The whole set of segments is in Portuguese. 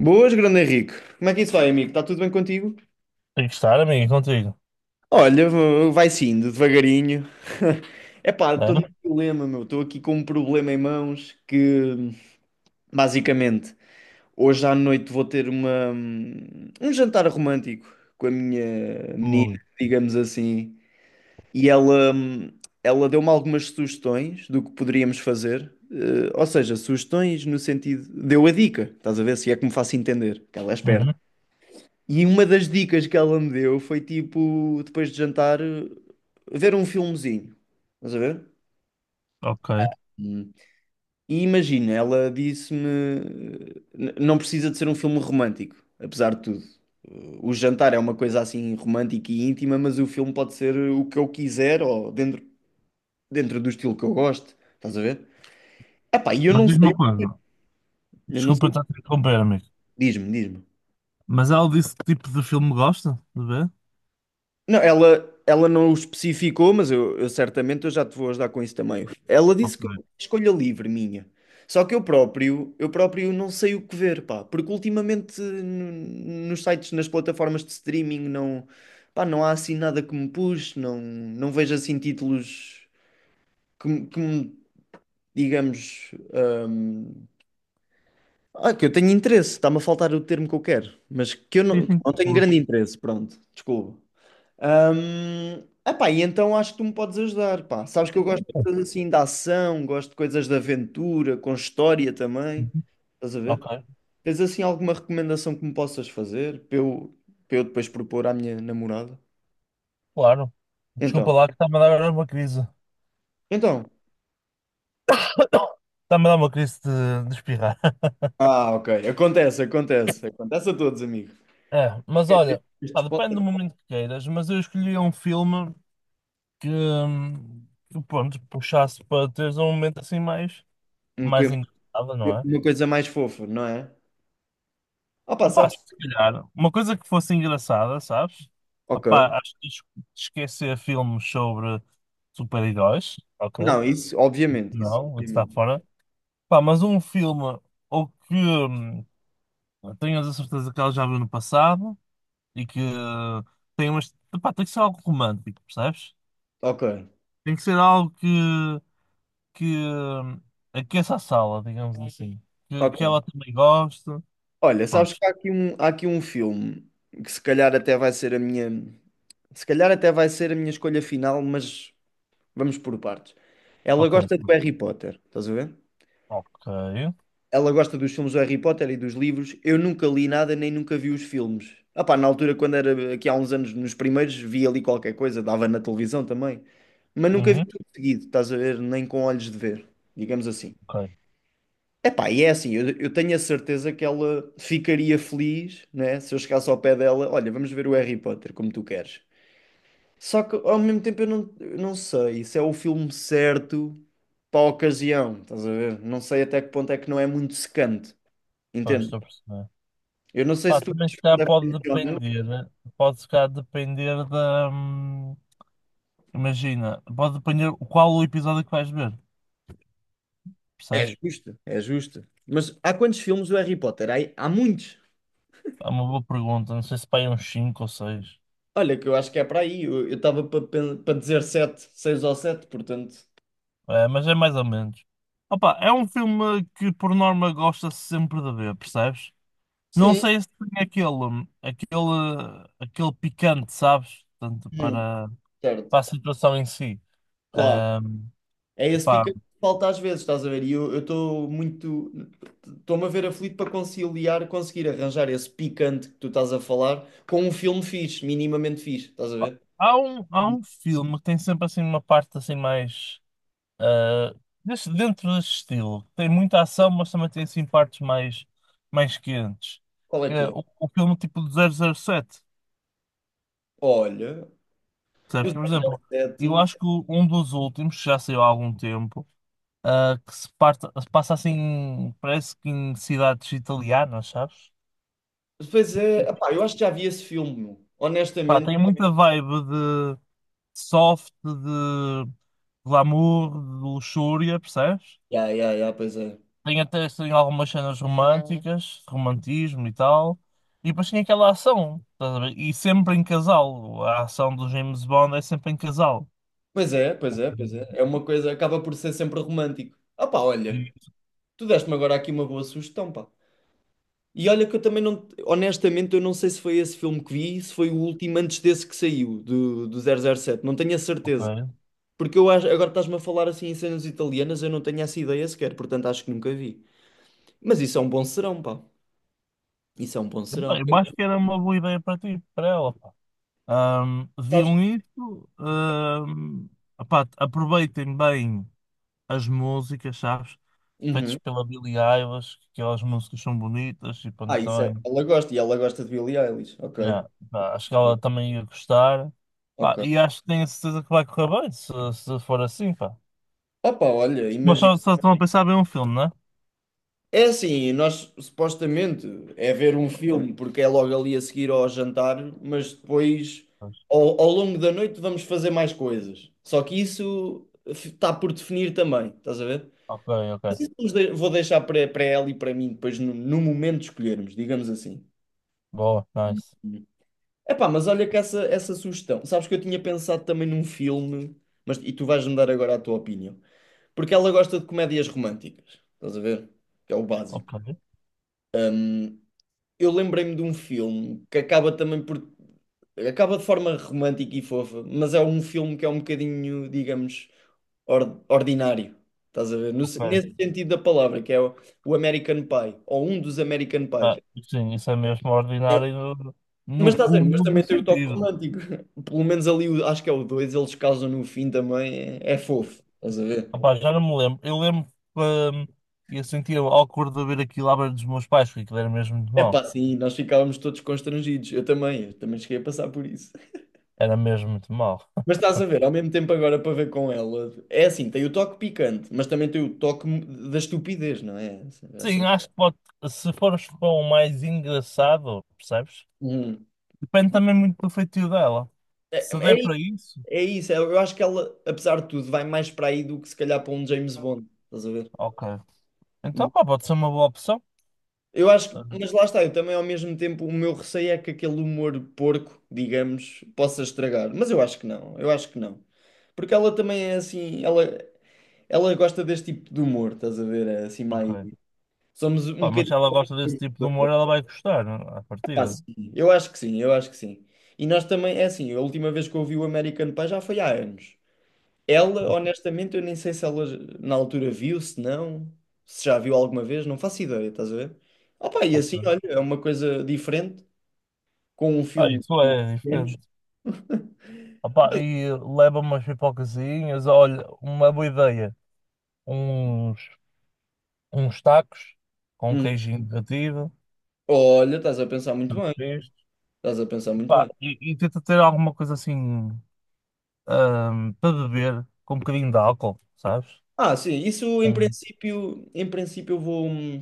Boas, grande Henrique. Como é que isso vai, amigo? Está tudo bem contigo? Tem que estar, amigo, contigo. Olha, vai sim, devagarinho. Epá, estou num É? problema, meu. Estou aqui com um problema em mãos que, basicamente, hoje à noite vou ter um jantar romântico com a minha menina, Ui. digamos assim. E ela deu-me algumas sugestões do que poderíamos fazer. Ou seja, sugestões no sentido. Deu a dica, estás a ver? Se é que me faço entender, que ela é esperta. Uhum. E uma das dicas que ela me deu foi tipo, depois de jantar, ver um filmezinho. Estás a ver? Ok. Hum. E imagina, ela disse-me, "Não precisa de ser um filme romântico, apesar de tudo. O jantar é uma coisa assim romântica e íntima, mas o filme pode ser o que eu quiser ou dentro do estilo que eu gosto. Estás a ver? Epá, e eu Mas não diz-me sei, uma coisa. eu não Desculpa sei. estar a te interromper, amigo. Diz-me, diz-me. Mas ela disse que tipo de filme gosta de ver? Não, ela não o especificou, mas eu certamente eu já te vou ajudar com isso também. Ela disse Ok. que é uma escolha livre minha. Só que eu próprio não sei o que ver, pá, porque ultimamente nos sites, nas plataformas de streaming não, pá, não há assim nada que me puxe, não vejo assim títulos que me, digamos, hum, que eu tenho interesse, está-me a faltar o termo que eu quero, mas que eu Sim, não, que eu sim. não tenho grande Puxa. interesse, pronto, desculpa. Hum, Epá, e então acho que tu me podes ajudar, pá. Sabes que eu gosto de coisas assim de ação, gosto de coisas de aventura, com história também. Uhum. Estás a Ok, ver? Tens assim alguma recomendação que me possas fazer para eu depois propor à minha namorada? claro. Desculpa Então, lá que está-me a dar uma crise. então. Está-me a dar uma crise de espirrar. Ah, ok. Acontece, acontece. Acontece a todos, amigo. É, mas Quer dizer, olha, pá, depende do momento que queiras, mas eu escolhi um filme que, hum, que pronto, puxasse para teres um momento assim mais, Um mais coi- engraçado, não é? uma coisa mais fofa, não é? Ah, pá, Opa, sabes? se calhar, uma coisa que fosse engraçada, sabes? Ok. Opa, acho que esquecer filmes sobre super-heróis, ok? Não, isso, obviamente, isso. Não, está Obviamente. fora. Pá, mas um filme ou que tenhas a certeza que ela já viu no passado e que tem umas. Pá, tem que ser algo romântico, percebes? Ok. Tem que ser algo que, que aqueça a sala, digamos assim. Que ela Ok. também goste. Olha, sabes Pronto, que há aqui um filme que se calhar até vai ser a minha, se calhar até vai ser a minha escolha final, mas vamos por partes. Ela ok, gosta do Harry Potter, estás a ver? ok. Ela gosta dos filmes do Harry Potter e dos livros. Eu nunca li nada nem nunca vi os filmes. Ah pá, na altura, quando era aqui há uns anos, nos primeiros, vi ali qualquer coisa, dava na televisão também. Mas nunca vi Uhum, tudo seguido, estás a ver? Nem com olhos de ver, digamos assim. ok. Epá, e é assim, eu tenho a certeza que ela ficaria feliz, né, se eu chegasse ao pé dela, olha, vamos ver o Harry Potter, como tu queres. Só que ao mesmo tempo eu não sei se é o filme certo para a ocasião, estás a ver? Não sei até que ponto é que não é muito secante, Pois, entende? estou a perceber. Eu não sei Pá, se tu também queres se calhar fazer a pode previsão, não. depender, né? Pode se calhar depender da. Imagina, pode depender qual o episódio que vais ver, É percebes? justo, é justo. Mas há quantos filmes o Harry Potter? Há muitos. É uma boa pergunta, não sei se pá, é uns cinco ou seis, Olha, que eu acho que é para aí. Eu estava para dizer sete, seis ou sete, portanto. é, mas é mais ou menos. Opa, é um filme que por norma gosta-se sempre de ver, percebes? Não Sim. sei se tem aquele, aquele picante, sabes? Tanto Hum, para, certo. para a situação em si. Claro. Ahm, É esse pá, pica que falta às vezes, estás a ver? E eu estou muito. Estou-me a ver aflito para conciliar, conseguir arranjar esse picante que tu estás a falar com um filme fixe, minimamente fixe, estás a ver? há um, há um filme que tem sempre assim uma parte assim mais ah, dentro desse estilo. Tem muita ação, mas também tem assim partes mais, mais quentes. Qual é Que que é é? O filme tipo de 007. Olha, os Percebes? Por exemplo, eu 007. acho que um dos últimos, que já saiu há algum tempo, que se, se passa assim, parece que em cidades italianas, sabes? Pois é, E, epá, eu acho que já vi esse filme, meu. pá, Honestamente. tem muita vibe de soft, de glamour, de luxúria, percebes? Ya, ya, ya, pois é. Tem, até tem algumas cenas românticas, romantismo e tal. E depois tinha aquela ação, estás a ver? E sempre em casal. A ação do James Bond é sempre em casal. Pois é, pois é, pois é. É uma coisa, acaba por ser sempre romântico. Ah, pá, olha, E, tu deste-me agora aqui uma boa sugestão, pá. E olha que eu também não, honestamente, eu não sei se foi esse filme que vi, se foi o último antes desse que saiu, do 007 não tenho a certeza. ok. Porque eu acho, agora estás-me a falar assim em cenas italianas, eu não tenho essa ideia sequer, portanto acho que nunca vi. Mas isso é um bom serão, pá. Isso é um bom serão. Epá, eu acho que era uma boa ideia para ti, para ela, pá. Sabes? Viam isso, epá, aproveitem bem as músicas, sabes? Feitas Uhum. pela Billie Eilish, que aquelas músicas são bonitas e Ah, pronto, isso é. também. Ela gosta de Billie Eilish. Ok. Yeah, pá, Ok. acho que ela também ia gostar. Pá, Ok. e acho que tenho a certeza que vai correr bem, se for assim, pá. Opa, olha, Mas imagina. só, só estão a pensar bem um filme, né? É assim, nós supostamente é ver um filme porque é logo ali a seguir ao jantar, mas depois Pois. ao longo da noite vamos fazer mais coisas. Só que isso está por definir também, estás a ver? Ok, ok. Mas isso vou deixar para ela e para mim depois no momento escolhermos, digamos assim. Boa, nice. Epá, mas olha que essa sugestão. Sabes que eu tinha pensado também num filme, mas e tu vais-me dar agora a tua opinião. Porque ela gosta de comédias românticas, estás a ver? Que é o básico. Ok, Eu lembrei-me de um filme que acaba também por. Acaba de forma romântica e fofa, mas é um filme que é um bocadinho, digamos, ordinário. Estás a ver? Ok. Nesse sentido da palavra, que é o American Pie, ou um dos American Ah, Pies. sim, isso é mesmo ordinário no, Mas no estás a ver? Mas cúmulo do também tem o toque sentido. romântico. Pelo menos ali, acho que é o 2 eles casam no fim também, é fofo. Estás a ver? Opá, já não me lembro. Eu lembro que eu sentia awkward de ver aquilo à beira dos meus pais, porque aquilo era mesmo muito É pá, mau. sim, nós ficávamos todos constrangidos. Eu também cheguei a passar por isso. Era mesmo muito mau. Mas estás a ver, ao mesmo tempo agora para ver com ela, é assim, tem o toque picante, mas também tem o toque da estupidez, não é? Já Sim, sabe- acho que pode, se fores para o mais engraçado, percebes? Uhum. Depende também muito do feitio dela. É, Se é der isso, para isso, é isso. Eu acho que ela, apesar de tudo, vai mais para aí do que se calhar para um James Bond, estás a ver? ok. Então, Uhum. pá, pode ser uma boa opção. Eu acho, Ah, mas lá está, eu também ao mesmo tempo, o meu receio é que aquele humor porco, digamos, possa estragar, mas eu acho que não, eu acho que não. Porque ela também é assim, ela gosta deste tipo de humor, estás a ver? É assim mais, ok. somos um Pá, mas bocadinho. se ela gosta desse tipo de humor, ela vai gostar, né, à Pá, partida. sim. Eu acho que sim, eu acho que sim. E nós também, é assim, a última vez que eu vi o American Pie já foi há anos. Ela, honestamente, eu nem sei se ela na altura viu, se não, se já viu alguma vez, não faço ideia, estás a ver? Opa, e assim, Ok. olha, é uma coisa diferente, com um Ah, filme isso de é menos. diferente. Ah, pá, e leva umas pipocazinhas. Olha, uma boa ideia. Uns, uns tacos com um Hum. queijinho derretido. Olha, estás a pensar muito Tacos bem, frescos. estás a pensar muito Pá, bem. E tenta ter alguma coisa assim, para beber, com um bocadinho de álcool, sabes? Ah, sim, isso em Um, princípio, em princípio eu vou,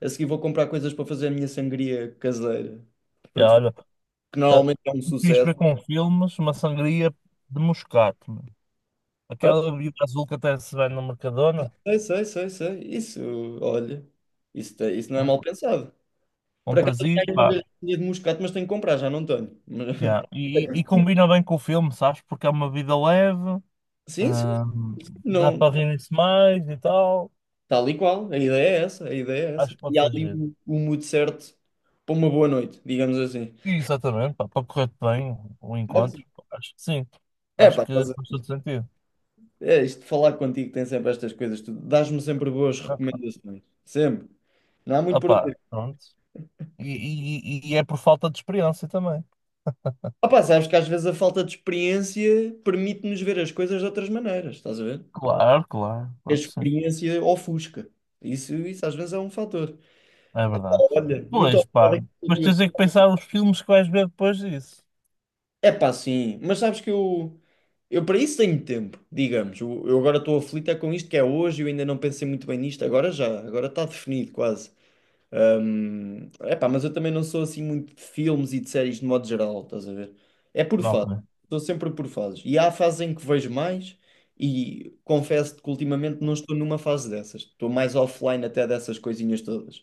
a seguir vou comprar coisas para fazer a minha sangria caseira, para já, desfazer, olha. que Ah, normalmente é um fiz sucesso. ver com filmes uma sangria de moscato, meu. Aquela bebida azul que até se vende no Mercadona. Sei, sei, sei, sei. Isso, olha, isso, isso não é mal Um pensado. um Por acaso eu prazer, tenho uma pá. garrafinha de moscato, mas tenho que comprar, já não tenho. Mas- Yeah. E, e combina bem com o filme, sabes? Porque é uma vida leve, Sim, sim, ah, dá não, para rir-se mais e tal. tal e qual. A ideia é essa, a ideia é Acho essa. que E pode há ser ali giro. o mood certo para uma boa noite, digamos assim. E, exatamente, pá, para correr bem o Mas, encontro, pá, acho que sim. É Acho pá, que faz todo sentido. é isto de falar contigo tem sempre estas coisas, tu dás-me sempre boas Ah, recomendações, sempre. Não há muito ah, por onde pá, ir. pronto. E, e é por falta de experiência também. Ah pá, sabes que às vezes a falta de experiência permite-nos ver as coisas de outras maneiras, estás a ver? Claro, claro, A claro que sim. experiência ofusca. Isso às vezes é um fator. É verdade. Olha, muito Pois, obrigado pá. aqui por Mas tudo. tens é que pensar os filmes que vais ver depois disso. É pá, sim, mas sabes que eu para isso tenho tempo, digamos. Eu agora estou aflito é com isto que é hoje, eu ainda não pensei muito bem nisto, agora já, agora está definido quase. É pá, mas eu também não sou assim muito de filmes e de séries de modo geral, estás a ver? É por Não, fases, ok. estou sempre por fases. E há fases em que vejo mais. E confesso-te que ultimamente não estou numa fase dessas. Estou mais offline até dessas coisinhas todas.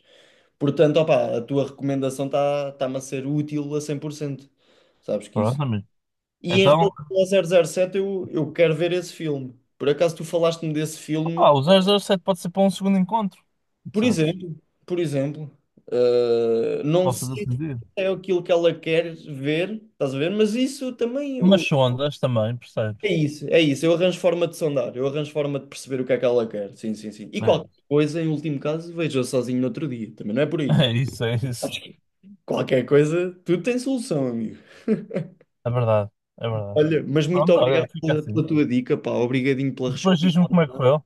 Portanto, opá, a tua recomendação está-me a ser útil a 100%, sabes que isso. Pronto, amigo. E em relação Então, ao 007 eu quero ver esse filme. Por acaso tu falaste-me desse filme, ah, o 007 pode ser para um segundo encontro. por Sabes? exemplo, por exemplo, não Pode fazer sei se sentido. é aquilo que ela quer ver, estás a ver? Mas isso também Mas sondas também, é percebes? isso, é isso. Eu arranjo forma de sondar, eu arranjo forma de perceber o que é que ela quer. Sim, sim, sim. E qualquer É. coisa, em último caso, vejo sozinho no outro dia, também não é por aí. É isso, é isso. Acho que qualquer coisa, tudo tem solução, amigo. É verdade, é verdade. Olha, mas muito Pronto, olha, obrigado fica pela, assim. pela tua dica, pá. Obrigadinho pela Depois resposta. diz-me como é que correu.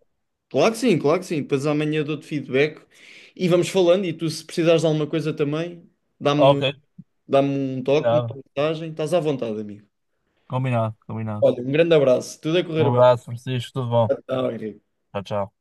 Claro que sim, claro que sim. Depois amanhã dou-te feedback e vamos falando. E tu, se precisares de alguma coisa também, Ok, dá-me, dá-me um toque, combinado. uma mensagem. Estás à vontade, amigo. Combinado, combinado. Olha, um grande abraço. Tudo a Um correr bem. abraço, Francisco. Tudo bom. Tchau, Henrique. Tchau, tchau.